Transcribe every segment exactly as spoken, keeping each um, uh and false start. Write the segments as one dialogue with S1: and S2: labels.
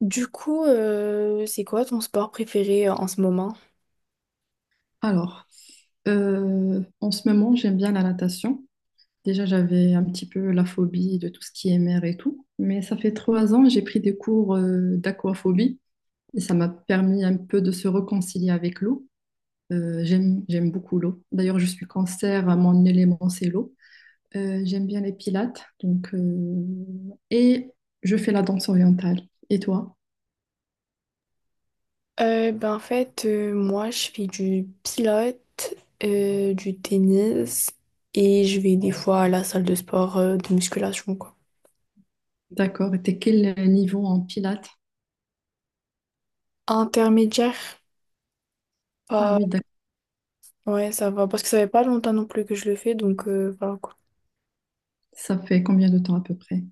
S1: Du coup, euh, c'est quoi ton sport préféré euh, en ce moment?
S2: Alors, euh, en ce moment, j'aime bien la natation. Déjà, j'avais un petit peu la phobie de tout ce qui est mer et tout. Mais ça fait trois ans, j'ai pris des cours euh, d'aquaphobie et ça m'a permis un peu de se réconcilier avec l'eau. Euh, j'aime, j'aime beaucoup l'eau. D'ailleurs, je suis cancer, mon élément, c'est l'eau. Euh, j'aime bien les pilates. Donc, euh, et je fais la danse orientale. Et toi?
S1: Euh, ben en fait, euh, moi, je fais du pilote, euh, du tennis et je vais des fois à la salle de sport euh, de musculation, quoi.
S2: D'accord. Et t'es quel niveau en pilates?
S1: Intermédiaire,
S2: Ah
S1: pas...
S2: oui, d'accord.
S1: ouais, ça va, parce que ça fait pas longtemps non plus que je le fais, donc euh, voilà quoi.
S2: Ça fait combien de temps à peu près?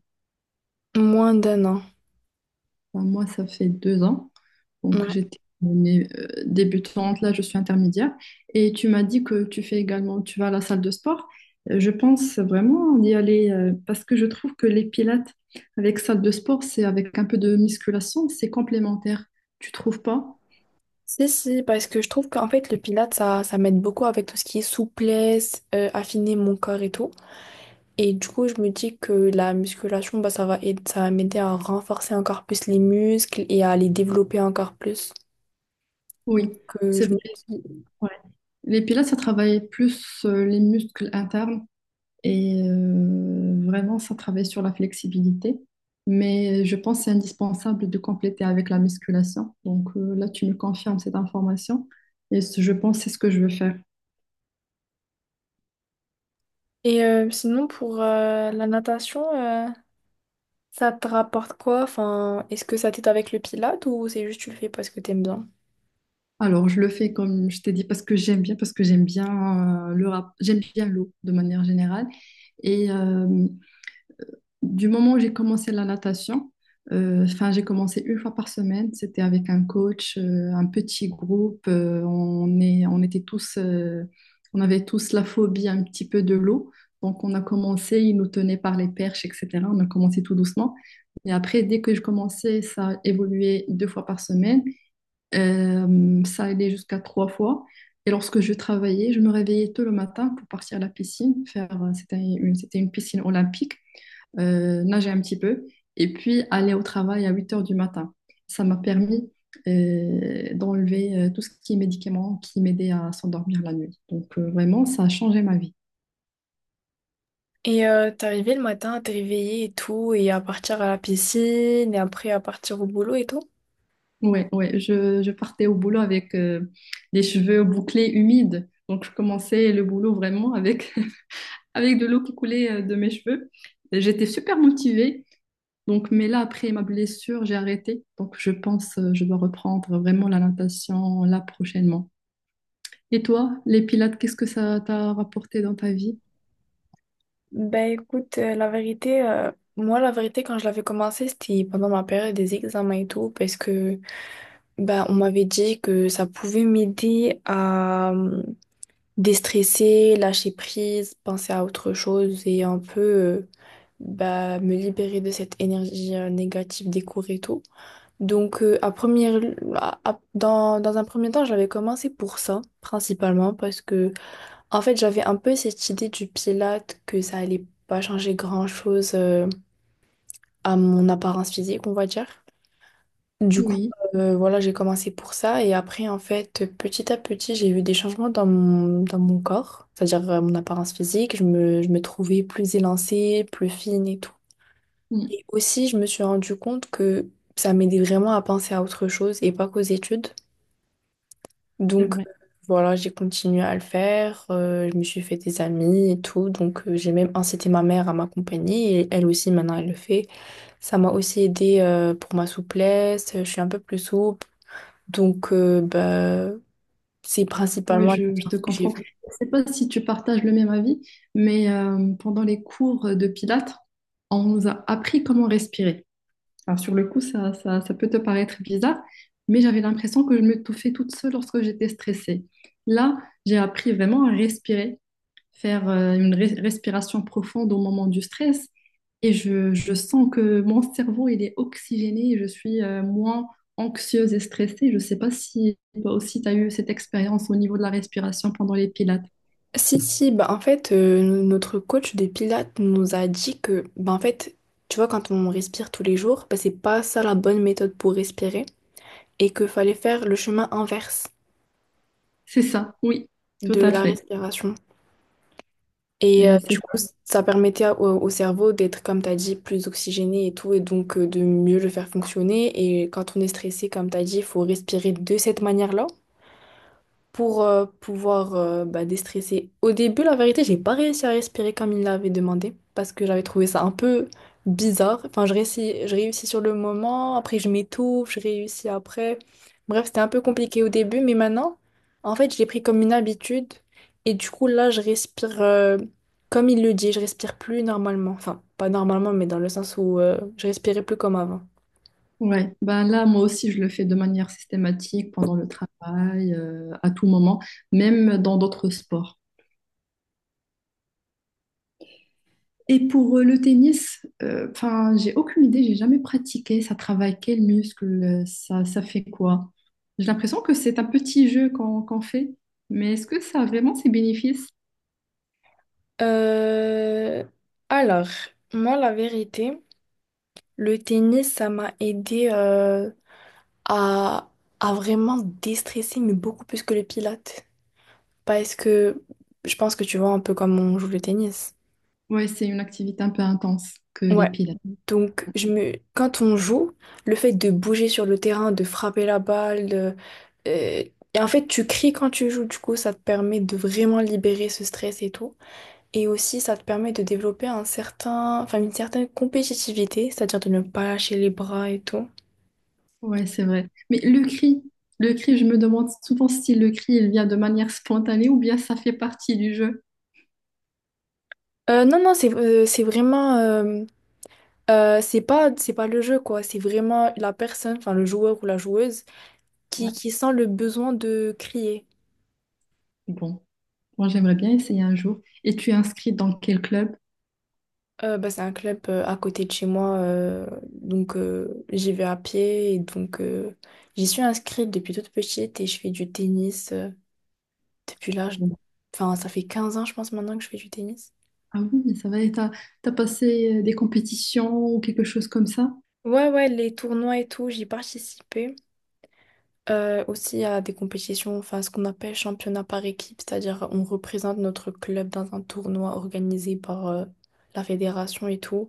S1: Moins d'un an,
S2: Enfin, moi, ça fait deux ans. Donc,
S1: ouais.
S2: j'étais une, euh, débutante, là, je suis intermédiaire. Et tu m'as dit que tu fais également, tu vas à la salle de sport. Euh, Je pense vraiment d'y aller euh, parce que je trouve que les pilates avec salle de sport, c'est avec un peu de musculation, c'est complémentaire. Tu trouves pas?
S1: Si, si, parce que je trouve qu'en fait, le pilates ça, ça m'aide beaucoup avec tout ce qui est souplesse, euh, affiner mon corps et tout. Et du coup, je me dis que la musculation, bah, ça va aider, ça va m'aider à renforcer encore plus les muscles et à les développer encore plus.
S2: Oui,
S1: Que
S2: c'est
S1: je me
S2: vrai.
S1: dis-
S2: Ouais. Les pilates, ça travaille plus euh, les muscles internes. Et euh, vraiment, ça travaille sur la flexibilité. Mais je pense que c'est indispensable de compléter avec la musculation. Donc euh, là, tu me confirmes cette information. Et ce- je pense que c'est ce que je veux faire.
S1: Et euh, sinon, pour euh, la natation, euh, ça te rapporte quoi? Enfin, est-ce que ça t'aide avec le pilate ou c'est juste tu le fais parce que t'aimes bien?
S2: Alors, je le fais comme je t'ai dit parce que j'aime bien, parce que j'aime bien euh, le rap- j'aime bien l'eau de manière générale. Et euh, du moment où j'ai commencé la natation, euh, enfin, j'ai commencé une fois par semaine. C'était avec un coach, euh, un petit groupe. Euh, on est, on était tous, euh, on avait tous la phobie un petit peu de l'eau. Donc, on a commencé, ils nous tenaient par les perches, et cetera. On a commencé tout doucement. Et après, dès que je commençais, ça évoluait deux fois par semaine. Euh, ça allait jusqu'à trois fois. Et lorsque je travaillais, je me réveillais tôt le matin pour partir à la piscine. Faire, euh, c'était une, c'était une piscine olympique euh, nager un petit peu et puis aller au travail à huit heures du matin. Ça m'a permis euh, d'enlever euh, tout ce qui est médicaments qui m'aidaient à s'endormir la nuit. Donc euh, vraiment, ça a changé ma vie.
S1: Et euh, t'arrivais le matin à te réveiller et tout, et à partir à la piscine, et après à partir au boulot et tout?
S2: Ouais, ouais, je, je partais au boulot avec euh, des cheveux bouclés humides. Donc je commençais le boulot vraiment avec, avec de l'eau qui coulait euh, de mes cheveux. Et j'étais super motivée. Donc, mais là, après ma blessure, j'ai arrêté. Donc, je pense, euh, je dois reprendre vraiment la natation là prochainement. Et toi, les pilates, qu'est-ce que ça t'a rapporté dans ta vie?
S1: Ben écoute, euh, la vérité, euh, moi la vérité quand je l'avais commencé, c'était pendant ma période des examens et tout, parce que bah on m'avait dit que ça pouvait m'aider à euh, déstresser, lâcher prise, penser à autre chose et un peu euh, bah, me libérer de cette énergie euh, négative des cours et tout. Donc, euh, à première, à- à- dans, dans un premier temps, j'avais commencé pour ça, principalement, parce que, en fait, j'avais un peu cette idée du Pilate que ça allait pas changer grand-chose euh, à mon apparence physique, on va dire. Du coup,
S2: Oui,
S1: euh, voilà, j'ai commencé pour ça et après, en fait, petit à petit, j'ai eu des changements dans mon, dans mon corps, c'est-à-dire euh, mon apparence physique. Je me, je me trouvais plus élancée, plus fine et tout.
S2: mm,
S1: Et aussi, je me suis rendu compte que ça m'aidait vraiment à penser à autre chose et pas qu'aux études.
S2: c'est
S1: Donc,
S2: vrai.
S1: euh, voilà, j'ai continué à le faire. Euh, je me suis fait des amis et tout. Donc, euh, j'ai même incité ma mère à m'accompagner et elle aussi, maintenant, elle le fait. Ça m'a aussi aidé pour ma souplesse. Je suis un peu plus souple. Donc, euh, bah, c'est
S2: Oui,
S1: principalement les
S2: je, je te
S1: bienfaits que j'ai
S2: comprends.
S1: vus.
S2: Je sais pas si tu partages le même avis, mais euh, pendant les cours de Pilates, on nous a appris comment respirer. Alors, sur le coup, ça, ça, ça peut te paraître bizarre, mais j'avais l'impression que je m'étouffais toute seule lorsque j'étais stressée. Là, j'ai appris vraiment à respirer, faire euh, une res- respiration profonde au moment du stress. Et je, je sens que mon cerveau, il est oxygéné, et je suis euh, moins anxieuse et stressée. Je ne sais pas si toi aussi, tu as eu cette expérience au niveau de la respiration pendant les pilates.
S1: Si, si, bah, en fait, euh, notre coach des Pilates nous a dit que, bah, en fait, tu vois, quand on respire tous les jours, bah, c'est pas ça la bonne méthode pour respirer et qu'il fallait faire le chemin inverse
S2: C'est ça, oui, tout
S1: de
S2: à
S1: la
S2: fait.
S1: respiration. Et euh,
S2: C'est c'est
S1: du
S2: ça.
S1: coup, ça permettait au, au cerveau d'être, comme tu as dit, plus oxygéné et tout, et donc euh, de mieux le faire fonctionner. Et quand on est stressé, comme tu as dit, il faut respirer de cette manière-là, pour euh, pouvoir euh, bah, déstresser. Au début, la vérité, j'ai pas réussi à respirer comme il l'avait demandé parce que j'avais trouvé ça un peu bizarre. Enfin, je réussis, je réussis sur le moment, après je m'étouffe, je réussis après. Bref, c'était un peu compliqué au début, mais maintenant, en fait, je l'ai pris comme une habitude et du coup, là, je respire euh, comme il le dit, je respire plus normalement. Enfin, pas normalement, mais dans le sens où euh, je respirais plus comme avant.
S2: Ouais. Ben là, moi aussi, je le fais de manière systématique pendant le travail, euh, à tout moment, même dans d'autres sports. Et pour euh, le tennis, euh, enfin, j'ai aucune idée, j'ai jamais pratiqué. Ça travaille quel muscle, euh, ça, ça fait quoi? J'ai l'impression que c'est un petit jeu qu'on qu'on fait, mais est-ce que ça a vraiment ses bénéfices?
S1: Euh, Alors, moi, la vérité. Le tennis, ça m'a aidé euh, à, à vraiment déstresser, mais beaucoup plus que le pilates. Parce que je pense que tu vois un peu comme on joue le tennis.
S2: Ouais, c'est une activité un peu intense que les
S1: Ouais.
S2: pilates.
S1: Donc, je me... quand on joue, le fait de bouger sur le terrain, de frapper la balle, de- euh, et en fait, tu cries quand tu joues, du coup, ça te permet de vraiment libérer ce stress et tout. Et aussi, ça te permet de développer un certain... enfin, une certaine compétitivité, c'est-à-dire de ne pas lâcher les bras et tout.
S2: Ouais, c'est vrai. Mais le cri, le cri, je me demande souvent si le cri, il vient de manière spontanée ou bien ça fait partie du jeu.
S1: Euh, non, non, c'est euh, c'est vraiment... euh, euh, c'est pas, c'est pas le jeu, quoi. C'est vraiment la personne, enfin le joueur ou la joueuse, qui,
S2: Ouais,
S1: qui sent le besoin de crier.
S2: bon, moi j'aimerais bien essayer un jour. Et tu es inscrit dans quel club?
S1: Euh, bah, c'est un club euh, à côté de chez moi, euh, donc euh, j'y vais à pied. Et donc euh, j'y suis inscrite depuis toute petite et je fais du tennis euh, depuis l'âge... Enfin, ça fait quinze ans, je pense, maintenant que je fais du tennis.
S2: Ah oui, ça va, et t'as, t'as passé euh, des compétitions ou quelque chose comme ça?
S1: Ouais, ouais, les tournois et tout, j'y participais. Euh, aussi, à des compétitions, enfin ce qu'on appelle championnat par équipe, c'est-à-dire on représente notre club dans un tournoi organisé par euh, la fédération et tout.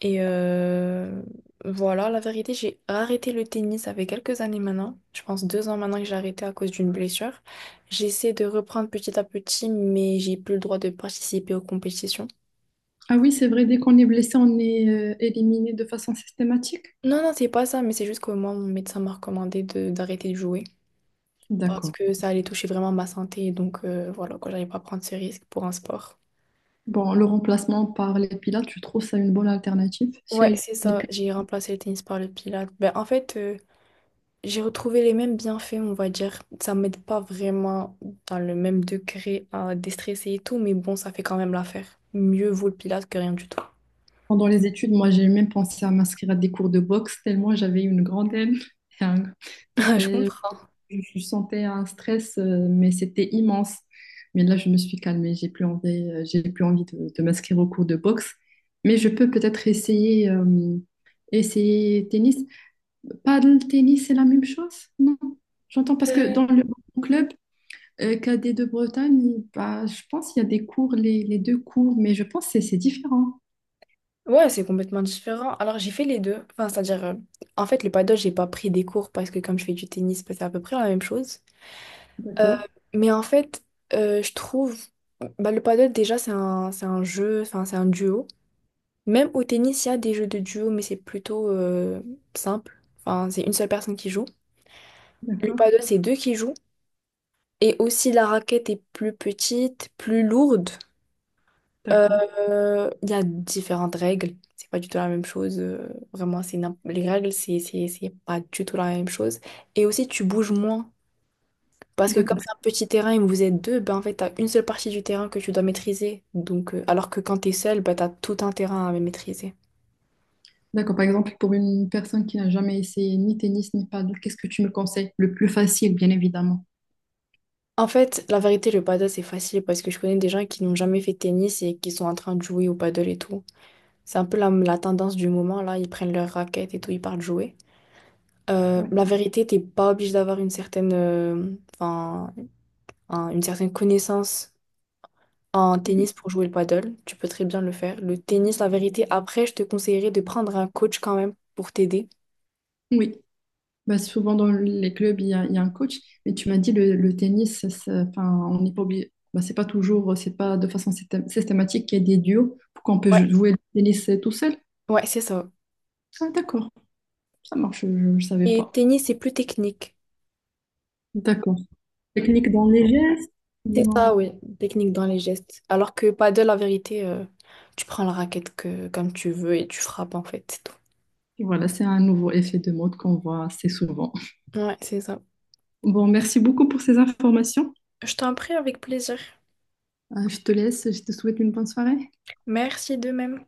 S1: Et euh, voilà, la vérité, j'ai arrêté le tennis, avec quelques années maintenant, je pense deux ans maintenant que j'ai arrêté à cause d'une blessure. J'essaie de reprendre petit à petit, mais j'ai plus le droit de participer aux compétitions.
S2: Ah oui, c'est vrai, dès qu'on est blessé, on est euh, éliminé de façon systématique.
S1: Non, non, c'est pas ça, mais c'est juste que moi, mon médecin m'a recommandé de d'arrêter de jouer. Parce
S2: D'accord.
S1: que ça allait toucher vraiment ma santé. Donc euh, voilà, quoi, j'allais pas prendre ce risque pour un sport.
S2: Bon, le remplacement par les pilates, je trouve ça une bonne alternative.
S1: Ouais,
S2: C'est…
S1: c'est
S2: Et
S1: ça.
S2: puis,
S1: J'ai remplacé le tennis par le pilates. Ben, en fait, euh, j'ai retrouvé les mêmes bienfaits, on va dire. Ça m'aide pas vraiment dans le même degré à déstresser et tout, mais bon, ça fait quand même l'affaire. Mieux vaut le pilates que rien du tout.
S2: pendant les études, moi, j'ai même pensé à m'inscrire à des cours de boxe, tellement j'avais une grande haine. Ça
S1: Je
S2: fait
S1: comprends.
S2: je sentais un stress, euh, mais c'était immense. Mais là, je me suis calmée. J'ai plus envie, euh, j'ai plus envie de, de m'inscrire au cours de boxe. Mais je peux peut-être essayer, euh, essayer tennis. Paddle, tennis, c'est la même chose? Non. J'entends parce que
S1: Euh,
S2: dans le club euh, cadet de Bretagne, bah, je pense qu'il y a des cours, les, les deux cours, mais je pense que c'est c'est différent.
S1: ouais, c'est complètement différent. Alors, j'ai fait les deux. Enfin, c'est-à-dire, euh, en fait, le paddle, j'ai pas pris des cours parce que comme je fais du tennis, ben, c'est à peu près la même chose. Euh,
S2: D'accord,
S1: mais en fait, euh, je trouve, bah, le paddle déjà c'est un, c'est un jeu, enfin c'est un duo. Même au tennis, il y a des jeux de duo, mais c'est plutôt euh, simple. Enfin, c'est une seule personne qui joue. Le
S2: d'accord,
S1: paddle, c'est deux qui jouent. Et aussi la raquette est plus petite, plus lourde.
S2: d'accord,
S1: Euh, Il y a différentes règles. C'est pas du tout la même chose. Euh, vraiment, c'est n'im- les règles, c'est c'est- c'est pas du tout la même chose. Et aussi, tu bouges moins. Parce que comme
S2: d'accord.
S1: c'est un petit terrain et que vous êtes deux, ben en fait, t'as une seule partie du terrain que tu dois maîtriser. Donc, euh, alors que quand t'es seul, ben t'as tout un terrain à maîtriser.
S2: D'accord, par exemple, pour une personne qui n'a jamais essayé ni tennis ni paddle, qu'est-ce que tu me conseilles? Le plus facile, bien évidemment.
S1: En fait, la vérité, le paddle, c'est facile parce que je connais des gens qui n'ont jamais fait de tennis et qui sont en train de jouer au paddle et tout. C'est un peu la, la tendance du moment, là. Ils prennent leur raquette et tout, ils partent jouer. Euh,
S2: Ouais.
S1: la vérité, t'es pas obligé d'avoir une certaine, euh, enfin, un- une certaine connaissance en
S2: Mm.
S1: tennis pour jouer le paddle. Tu peux très bien le faire. Le tennis, la vérité, après, je te conseillerais de prendre un coach quand même pour t'aider.
S2: Oui, bah, souvent dans les clubs, il y a, il y a un coach, mais tu m'as dit le, le tennis, ça- ça- enfin, on n'est pas obligé. Bah, c'est pas toujours, c'est pas de façon systém- systématique qu'il y a des duos pour qu'on peut
S1: Ouais,
S2: jouer le tennis tout seul.
S1: ouais, c'est ça.
S2: Ah, d'accord, ça marche, je ne savais
S1: Et
S2: pas.
S1: tennis, c'est plus technique.
S2: D'accord. Technique dans les gestes.
S1: C'est ça,
S2: dans-
S1: oui, technique dans les gestes. Alors que paddle, la vérité, euh, tu prends la raquette que, comme tu veux et tu frappes, en fait, c'est tout.
S2: Voilà, c'est un nouveau effet de mode qu'on voit assez souvent.
S1: Ouais, c'est ça.
S2: Bon, merci beaucoup pour ces informations.
S1: Je t'en prie avec plaisir.
S2: Euh, Je te laisse, je te souhaite une bonne soirée.
S1: Merci de même.